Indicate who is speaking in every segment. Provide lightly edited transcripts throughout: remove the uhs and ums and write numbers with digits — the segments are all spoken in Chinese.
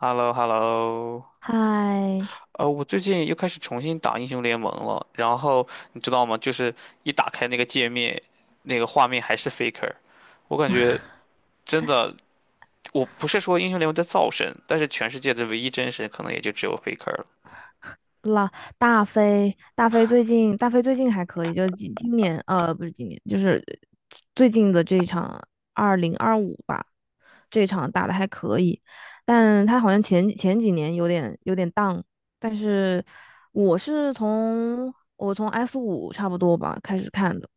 Speaker 1: h e l l o h e l l o
Speaker 2: 嗨，
Speaker 1: 我最近又开始重新打英雄联盟了，然后你知道吗？就是一打开那个界面，那个画面还是 Faker,我感觉真的，我不是说英雄联盟在造神，但是全世界的唯一真神可能也就只有 Faker 了。
Speaker 2: 啦，大飞最近还可以，就是今年，不是今年，就是最近的这一场2025吧，这一场打的还可以，但他好像前几年有点 down，但是我从 S5差不多吧开始看的，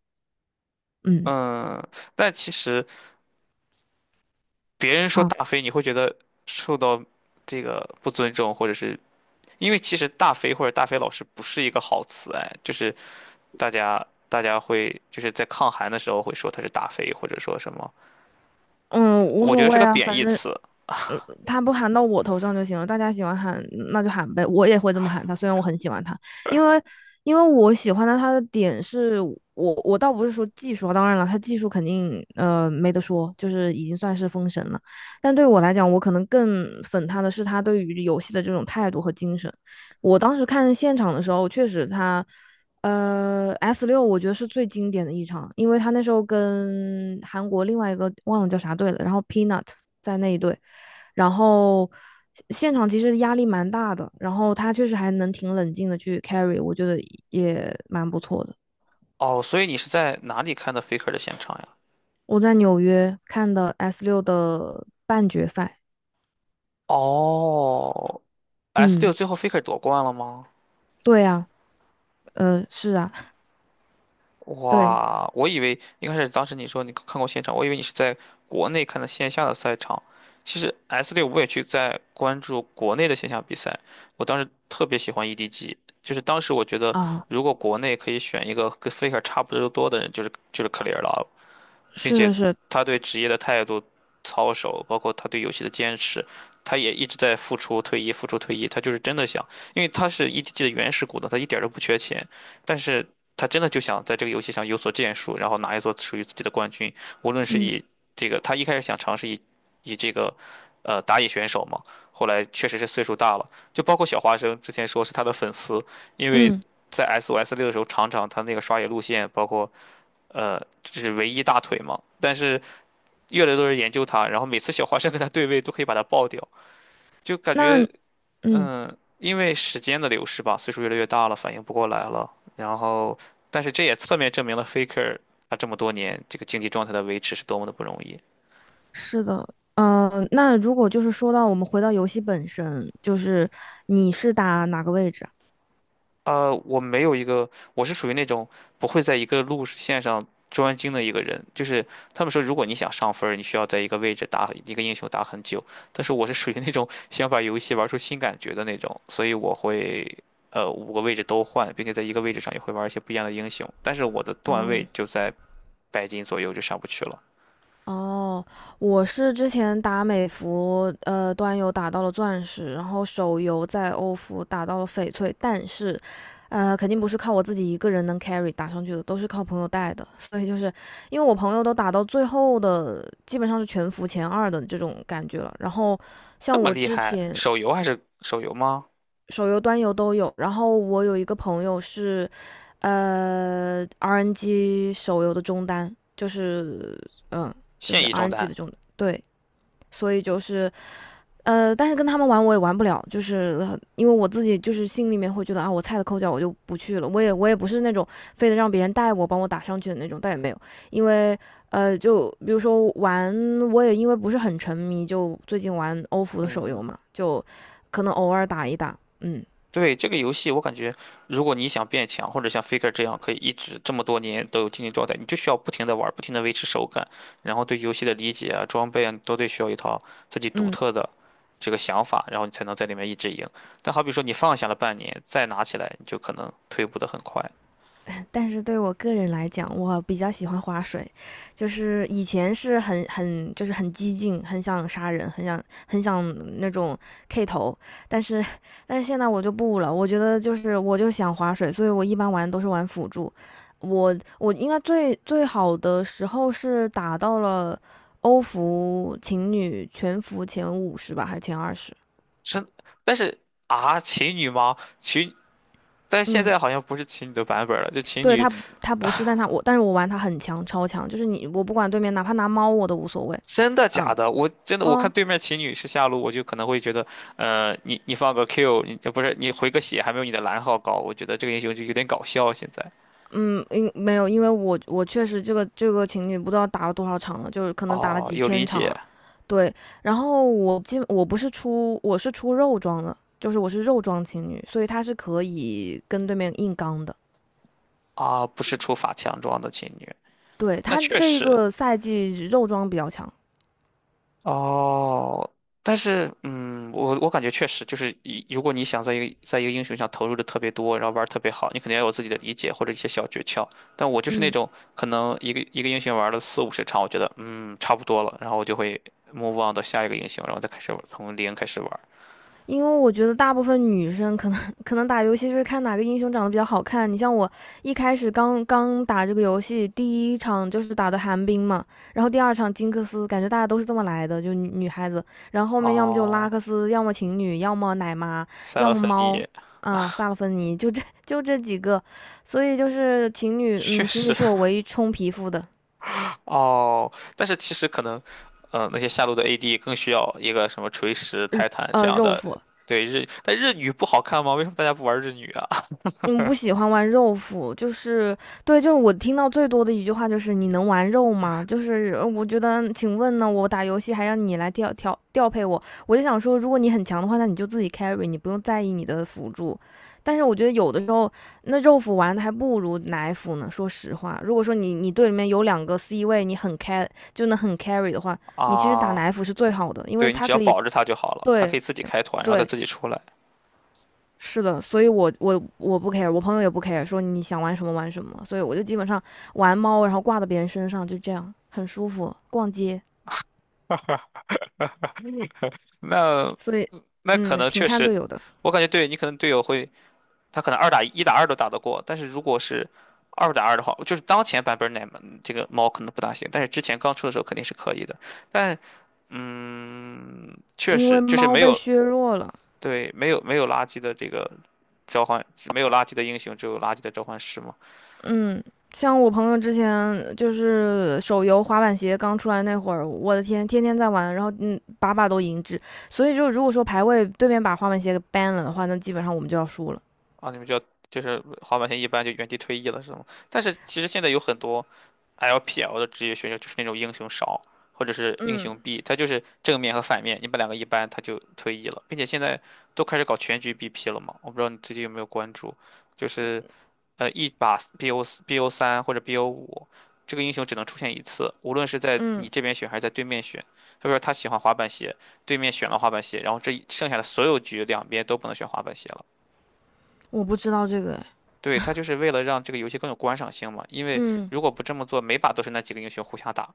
Speaker 2: 嗯。
Speaker 1: 嗯，但其实别人说
Speaker 2: 啊。
Speaker 1: 大飞，你会觉得受到这个不尊重，或者是因为其实大飞或者大飞老师不是一个好词，哎，就是大家会就是在抗寒的时候会说它是大飞，或者说什么，
Speaker 2: 嗯，无
Speaker 1: 我觉
Speaker 2: 所
Speaker 1: 得是
Speaker 2: 谓
Speaker 1: 个
Speaker 2: 啊，
Speaker 1: 贬
Speaker 2: 反
Speaker 1: 义
Speaker 2: 正，
Speaker 1: 词。
Speaker 2: 嗯，他不喊到我头上就行了。大家喜欢喊，那就喊呗。我也会这么喊他，虽然我很喜欢他，因为因为我喜欢他，他的点是我倒不是说技术啊当然了，他技术肯定没得说，就是已经算是封神了。但对我来讲，我可能更粉他的是他对于游戏的这种态度和精神。我当时看现场的时候，确实他。S 六我觉得是最经典的一场，因为他那时候跟韩国另外一个忘了叫啥队了，然后 Peanut 在那一队，然后现场其实压力蛮大的，然后他确实还能挺冷静的去 carry，我觉得也蛮不错的。
Speaker 1: 哦，所以你是在哪里看的 Faker 的现场呀？
Speaker 2: 我在纽约看的 S 六的半决赛，
Speaker 1: 哦，S
Speaker 2: 嗯，
Speaker 1: 六最后 Faker 夺冠了吗？
Speaker 2: 对啊，是啊，对
Speaker 1: 哇，我以为一开始当时你说你看过现场，我以为你是在国内看的线下的赛场。其实 S 六我也去在关注国内的线下比赛，我当时特别喜欢 EDG,就是当时我觉得
Speaker 2: 啊，
Speaker 1: 如果国内可以选一个跟 Faker 差不多的人，就是 Clear 了，并且
Speaker 2: 是是是，
Speaker 1: 他对职业的态度、操守，包括他对游戏的坚持，他也一直在付出、退役、付出、退役。他就是真的想，因为他是 EDG 的原始股东，他一点儿都不缺钱，但是他真的就想在这个游戏上有所建树，然后拿一座属于自己的冠军。无论是
Speaker 2: 嗯
Speaker 1: 以这个，他一开始想尝试以这个打野选手嘛，后来确实是岁数大了，就包括小花生之前说是他的粉丝，因为
Speaker 2: 嗯，
Speaker 1: 在 SOS 六的时候，常常他那个刷野路线，包括。呃，这是唯一大腿嘛。但是越来越多人研究它，然后每次小花生跟它对位都可以把它爆掉，就感
Speaker 2: 那
Speaker 1: 觉
Speaker 2: 嗯。
Speaker 1: 嗯，因为时间的流逝吧，岁数越来越大了，反应不过来了。然后，但是这也侧面证明了 Faker 他这么多年这个竞技状态的维持是多么的不容易。
Speaker 2: 是的，嗯、那如果就是说到我们回到游戏本身，就是你是打哪个位置啊
Speaker 1: 我没有一个，我是属于那种不会在一个路线上专精的一个人。就是他们说，如果你想上分儿你需要在一个位置打一个英雄打很久。但是我是属于那种想把游戏玩出新感觉的那种，所以我会五个位置都换，并且在一个位置上也会玩一些不一样的英雄。但是我的段位
Speaker 2: 嗯，
Speaker 1: 就在百金左右，就上不去了。
Speaker 2: 哦，我是之前打美服，端游打到了钻石，然后手游在欧服打到了翡翠，但是，肯定不是靠我自己一个人能 carry 打上去的，都是靠朋友带的，所以就是因为我朋友都打到最后的，基本上是全服前二的这种感觉了。然后
Speaker 1: 这
Speaker 2: 像
Speaker 1: 么
Speaker 2: 我
Speaker 1: 厉
Speaker 2: 之
Speaker 1: 害，
Speaker 2: 前，
Speaker 1: 手游还是手游吗？
Speaker 2: 手游、端游都有。然后我有一个朋友是，RNG 手游的中单，就是嗯，就
Speaker 1: 现
Speaker 2: 是
Speaker 1: 役中
Speaker 2: RNG
Speaker 1: 单？
Speaker 2: 的中单对，所以就是但是跟他们玩我也玩不了，就是因为我自己就是心里面会觉得啊，我菜的抠脚我就不去了，我也不是那种非得让别人带我帮我打上去的那种，但也没有，因为就比如说玩，我也因为不是很沉迷，就最近玩欧服的手游
Speaker 1: 嗯。
Speaker 2: 嘛，就可能偶尔打一打，嗯
Speaker 1: 对，这个游戏，我感觉，如果你想变强，或者像 Faker 这样可以一直这么多年都有竞技状态，你就需要不停的玩，不停的维持手感，然后对游戏的理解啊、装备啊，你都得需要一套自己独
Speaker 2: 嗯。
Speaker 1: 特的这个想法，然后你才能在里面一直赢。但好比说你放下了半年，再拿起来，你就可能退步的很快。
Speaker 2: 但是对我个人来讲，我比较喜欢划水，就是以前是很就是很激进，很想杀人，很想那种 K 头，但是但是现在我就不了，我觉得就是我就想划水，所以我一般玩都是玩辅助，我应该最好的时候是打到了欧服情侣全服前50吧，还是前20？
Speaker 1: 真，但是啊，琴女吗？琴，但是现
Speaker 2: 嗯，
Speaker 1: 在好像不是琴女的版本了，就琴
Speaker 2: 对
Speaker 1: 女
Speaker 2: 他不是，但是我玩他很强，超强，就是我不管对面哪怕拿猫我都无所谓，
Speaker 1: 真的假
Speaker 2: 嗯
Speaker 1: 的？我真的我看
Speaker 2: 哦
Speaker 1: 对面琴女是下路，我就可能会觉得，你放个 Q,你不是你回个血还没有你的蓝耗高，我觉得这个英雄就有点搞笑。现在
Speaker 2: 嗯，没有，因为我确实这个情侣不知道打了多少场了，就是可能打了
Speaker 1: 哦，
Speaker 2: 几
Speaker 1: 有理
Speaker 2: 千场
Speaker 1: 解
Speaker 2: 了，对，然后我基本不是出我是出肉装的，就是我是肉装情侣，所以他是可以跟对面硬刚的，
Speaker 1: 啊，不是出法强装的琴女，
Speaker 2: 对
Speaker 1: 那
Speaker 2: 他
Speaker 1: 确
Speaker 2: 这一
Speaker 1: 实，
Speaker 2: 个赛季肉装比较强，
Speaker 1: 哦，但是，嗯，我感觉确实就是一，如果你想在一个英雄上投入的特别多，然后玩儿特别好，你肯定要有自己的理解或者一些小诀窍。但我就是那
Speaker 2: 嗯。
Speaker 1: 种可能一个英雄玩了四五十场，我觉得嗯差不多了，然后我就会 move on 到下一个英雄，然后再开始玩从零开始玩儿。
Speaker 2: 因为我觉得大部分女生可能打游戏就是看哪个英雄长得比较好看。你像我一开始刚刚打这个游戏，第一场就是打的寒冰嘛，然后第二场金克斯，感觉大家都是这么来的，就女孩子。然后后面要么就拉
Speaker 1: 哦，
Speaker 2: 克斯，要么情侣，要么奶妈，
Speaker 1: 塞
Speaker 2: 要
Speaker 1: 勒
Speaker 2: 么
Speaker 1: 芬
Speaker 2: 猫，
Speaker 1: 妮
Speaker 2: 啊、萨勒芬妮，就这几个。所以就是情侣，
Speaker 1: 确
Speaker 2: 嗯，情侣
Speaker 1: 实，
Speaker 2: 是 我唯一充皮肤的，
Speaker 1: 哦，但是其实可能，那些下路的 AD 更需要一个什么锤石、
Speaker 2: 呃
Speaker 1: 泰坦这样
Speaker 2: 肉
Speaker 1: 的。
Speaker 2: 肤，
Speaker 1: 对日，但日女不好看吗？为什么大家不玩日女啊？
Speaker 2: 嗯，不喜欢玩肉辅，就是对，就是我听到最多的一句话就是"你能玩肉吗？"就是我觉得，请问呢，我打游戏还要你来调配我，我就想说，如果你很强的话，那你就自己 carry，你不用在意你的辅助。但是我觉得有的时候，那肉辅玩的还不如奶辅呢。说实话，如果说你队里面有两个 C 位，你就能很 carry 的话，你其实打
Speaker 1: 啊，
Speaker 2: 奶辅是最好的，因为
Speaker 1: 对你
Speaker 2: 它
Speaker 1: 只要
Speaker 2: 可以
Speaker 1: 保着她就好了，她可以
Speaker 2: 对
Speaker 1: 自己开团，然后再
Speaker 2: 对
Speaker 1: 自己出来。
Speaker 2: 是的，所以我不 care，我朋友也不 care，说你想玩什么玩什么，所以我就基本上玩猫，然后挂到别人身上，就这样很舒服。逛街，
Speaker 1: 那
Speaker 2: 所以
Speaker 1: 那可能
Speaker 2: 挺
Speaker 1: 确
Speaker 2: 看
Speaker 1: 实，
Speaker 2: 队友的，
Speaker 1: 我感觉对你可能队友会，他可能二打一、一打二都打得过，但是如果是二打二的话，就是当前版本奶这个猫可能不大行，但是之前刚出的时候肯定是可以的。但嗯，确
Speaker 2: 因为
Speaker 1: 实就是
Speaker 2: 猫
Speaker 1: 没
Speaker 2: 被
Speaker 1: 有
Speaker 2: 削弱了。
Speaker 1: 对，没有垃圾的这个召唤，没有垃圾的英雄，只有垃圾的召唤师嘛。
Speaker 2: 嗯，像我朋友之前就是手游滑板鞋刚出来那会儿，我的天，天天在玩，然后把把都赢制。所以就如果说排位对面把滑板鞋给 ban 了的话，那基本上我们就要输了。
Speaker 1: 啊，你们就要就是滑板鞋一般就原地退役了是吗？但是其实现在有很多 LPL 的职业选手就是那种英雄少或者是英雄
Speaker 2: 嗯
Speaker 1: B,他就是正面和反面，你把两个一般他就退役了，并且现在都开始搞全局 BP 了嘛。我不知道你最近有没有关注，就是一把 BO 三或者 BO 五，这个英雄只能出现一次，无论是在你
Speaker 2: 嗯，
Speaker 1: 这边选还是在对面选。他说他喜欢滑板鞋，对面选了滑板鞋，然后这一剩下的所有局两边都不能选滑板鞋了。
Speaker 2: 我不知道这个，哎
Speaker 1: 对，他就是为了让这个游戏更有观赏性嘛，因为
Speaker 2: 嗯。
Speaker 1: 如果不这么做，每把都是那几个英雄互相打。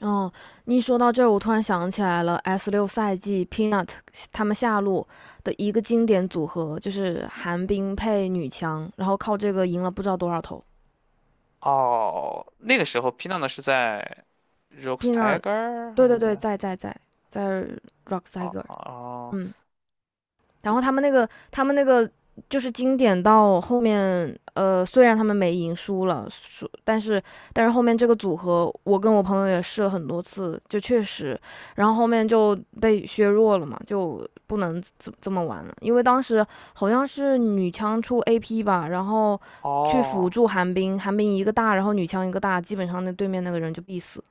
Speaker 2: 哦，你一说到这儿，我突然想起来了，S 六赛季 Peanut 他们下路的一个经典组合，就是寒冰配女强，然后靠这个赢了不知道多少头。
Speaker 1: 哦，那个时候 p i n 呢是在 Rogue
Speaker 2: Peanut，
Speaker 1: Tiger 还
Speaker 2: 对
Speaker 1: 是
Speaker 2: 对对，
Speaker 1: 在？
Speaker 2: 在 Rock
Speaker 1: 哦
Speaker 2: Tiger，
Speaker 1: 哦
Speaker 2: 嗯。然后他们那个就是经典到后面，虽然他们没赢输了，但是后面这个组合，我跟我朋友也试了很多次，就确实，然后后面就被削弱了嘛，就不能这么玩了，因为当时好像是女枪出 AP 吧，然后
Speaker 1: 哦，
Speaker 2: 去辅
Speaker 1: 哦
Speaker 2: 助寒冰，寒冰一个大，然后女枪一个大，基本上那对面那个人就必死。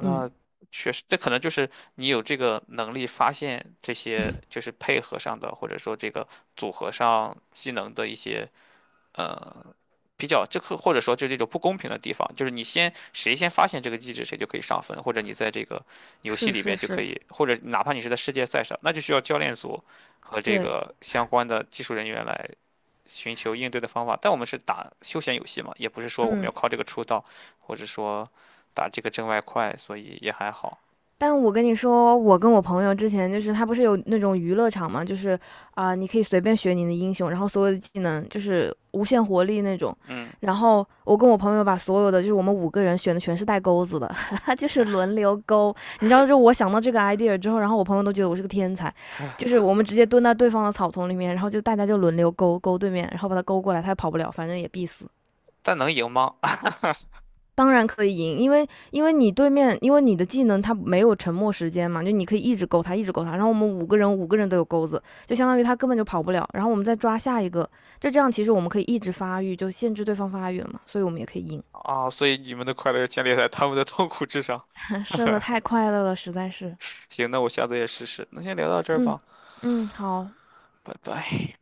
Speaker 2: 嗯，
Speaker 1: 确实，这可能就是你有这个能力发现这些，就 是配合上的，或者说这个组合上技能的一些呃比较，这个或者说就这种不公平的地方，就是谁先发现这个机制，谁就可以上分，或者你在这个游戏
Speaker 2: 是
Speaker 1: 里
Speaker 2: 是
Speaker 1: 边就可
Speaker 2: 是，
Speaker 1: 以，或者哪怕你是在世界赛上，那就需要教练组和这
Speaker 2: 对，
Speaker 1: 个相关的技术人员来寻求应对的方法。但我们是打休闲游戏嘛，也不是说我们要
Speaker 2: 嗯。
Speaker 1: 靠这个出道，或者说打这个挣外快，所以也还好。
Speaker 2: 但我跟你说，我跟我朋友之前就是他不是有那种娱乐场嘛，就是啊、你可以随便选你的英雄，然后所有的技能就是无限活力那种。
Speaker 1: 嗯，
Speaker 2: 然后我跟我朋友把所有的就是我们五个人选的全是带钩子的，就是轮流钩。你知道，就我想到这个 idea 之后，然后我朋友都觉得我是个天才，就是我们直接蹲在对方的草丛里面，然后就大家就轮流钩钩对面，然后把他钩过来，他也跑不了，反正也必死。
Speaker 1: 但能赢吗？
Speaker 2: 当然可以赢，因为你对面，因为你的技能它没有沉默时间嘛，就你可以一直勾他，一直勾他。然后我们五个人五个人都有钩子，就相当于他根本就跑不了。然后我们再抓下一个，就这样其实我们可以一直发育，就限制对方发育了嘛，所以我们也可以赢。
Speaker 1: 啊，所以你们的快乐建立在他们的痛苦之上。
Speaker 2: 是的，太快乐了，实在是。
Speaker 1: 行，那我下次也试试。那先聊到这儿
Speaker 2: 嗯
Speaker 1: 吧，
Speaker 2: 嗯，好，
Speaker 1: 拜拜。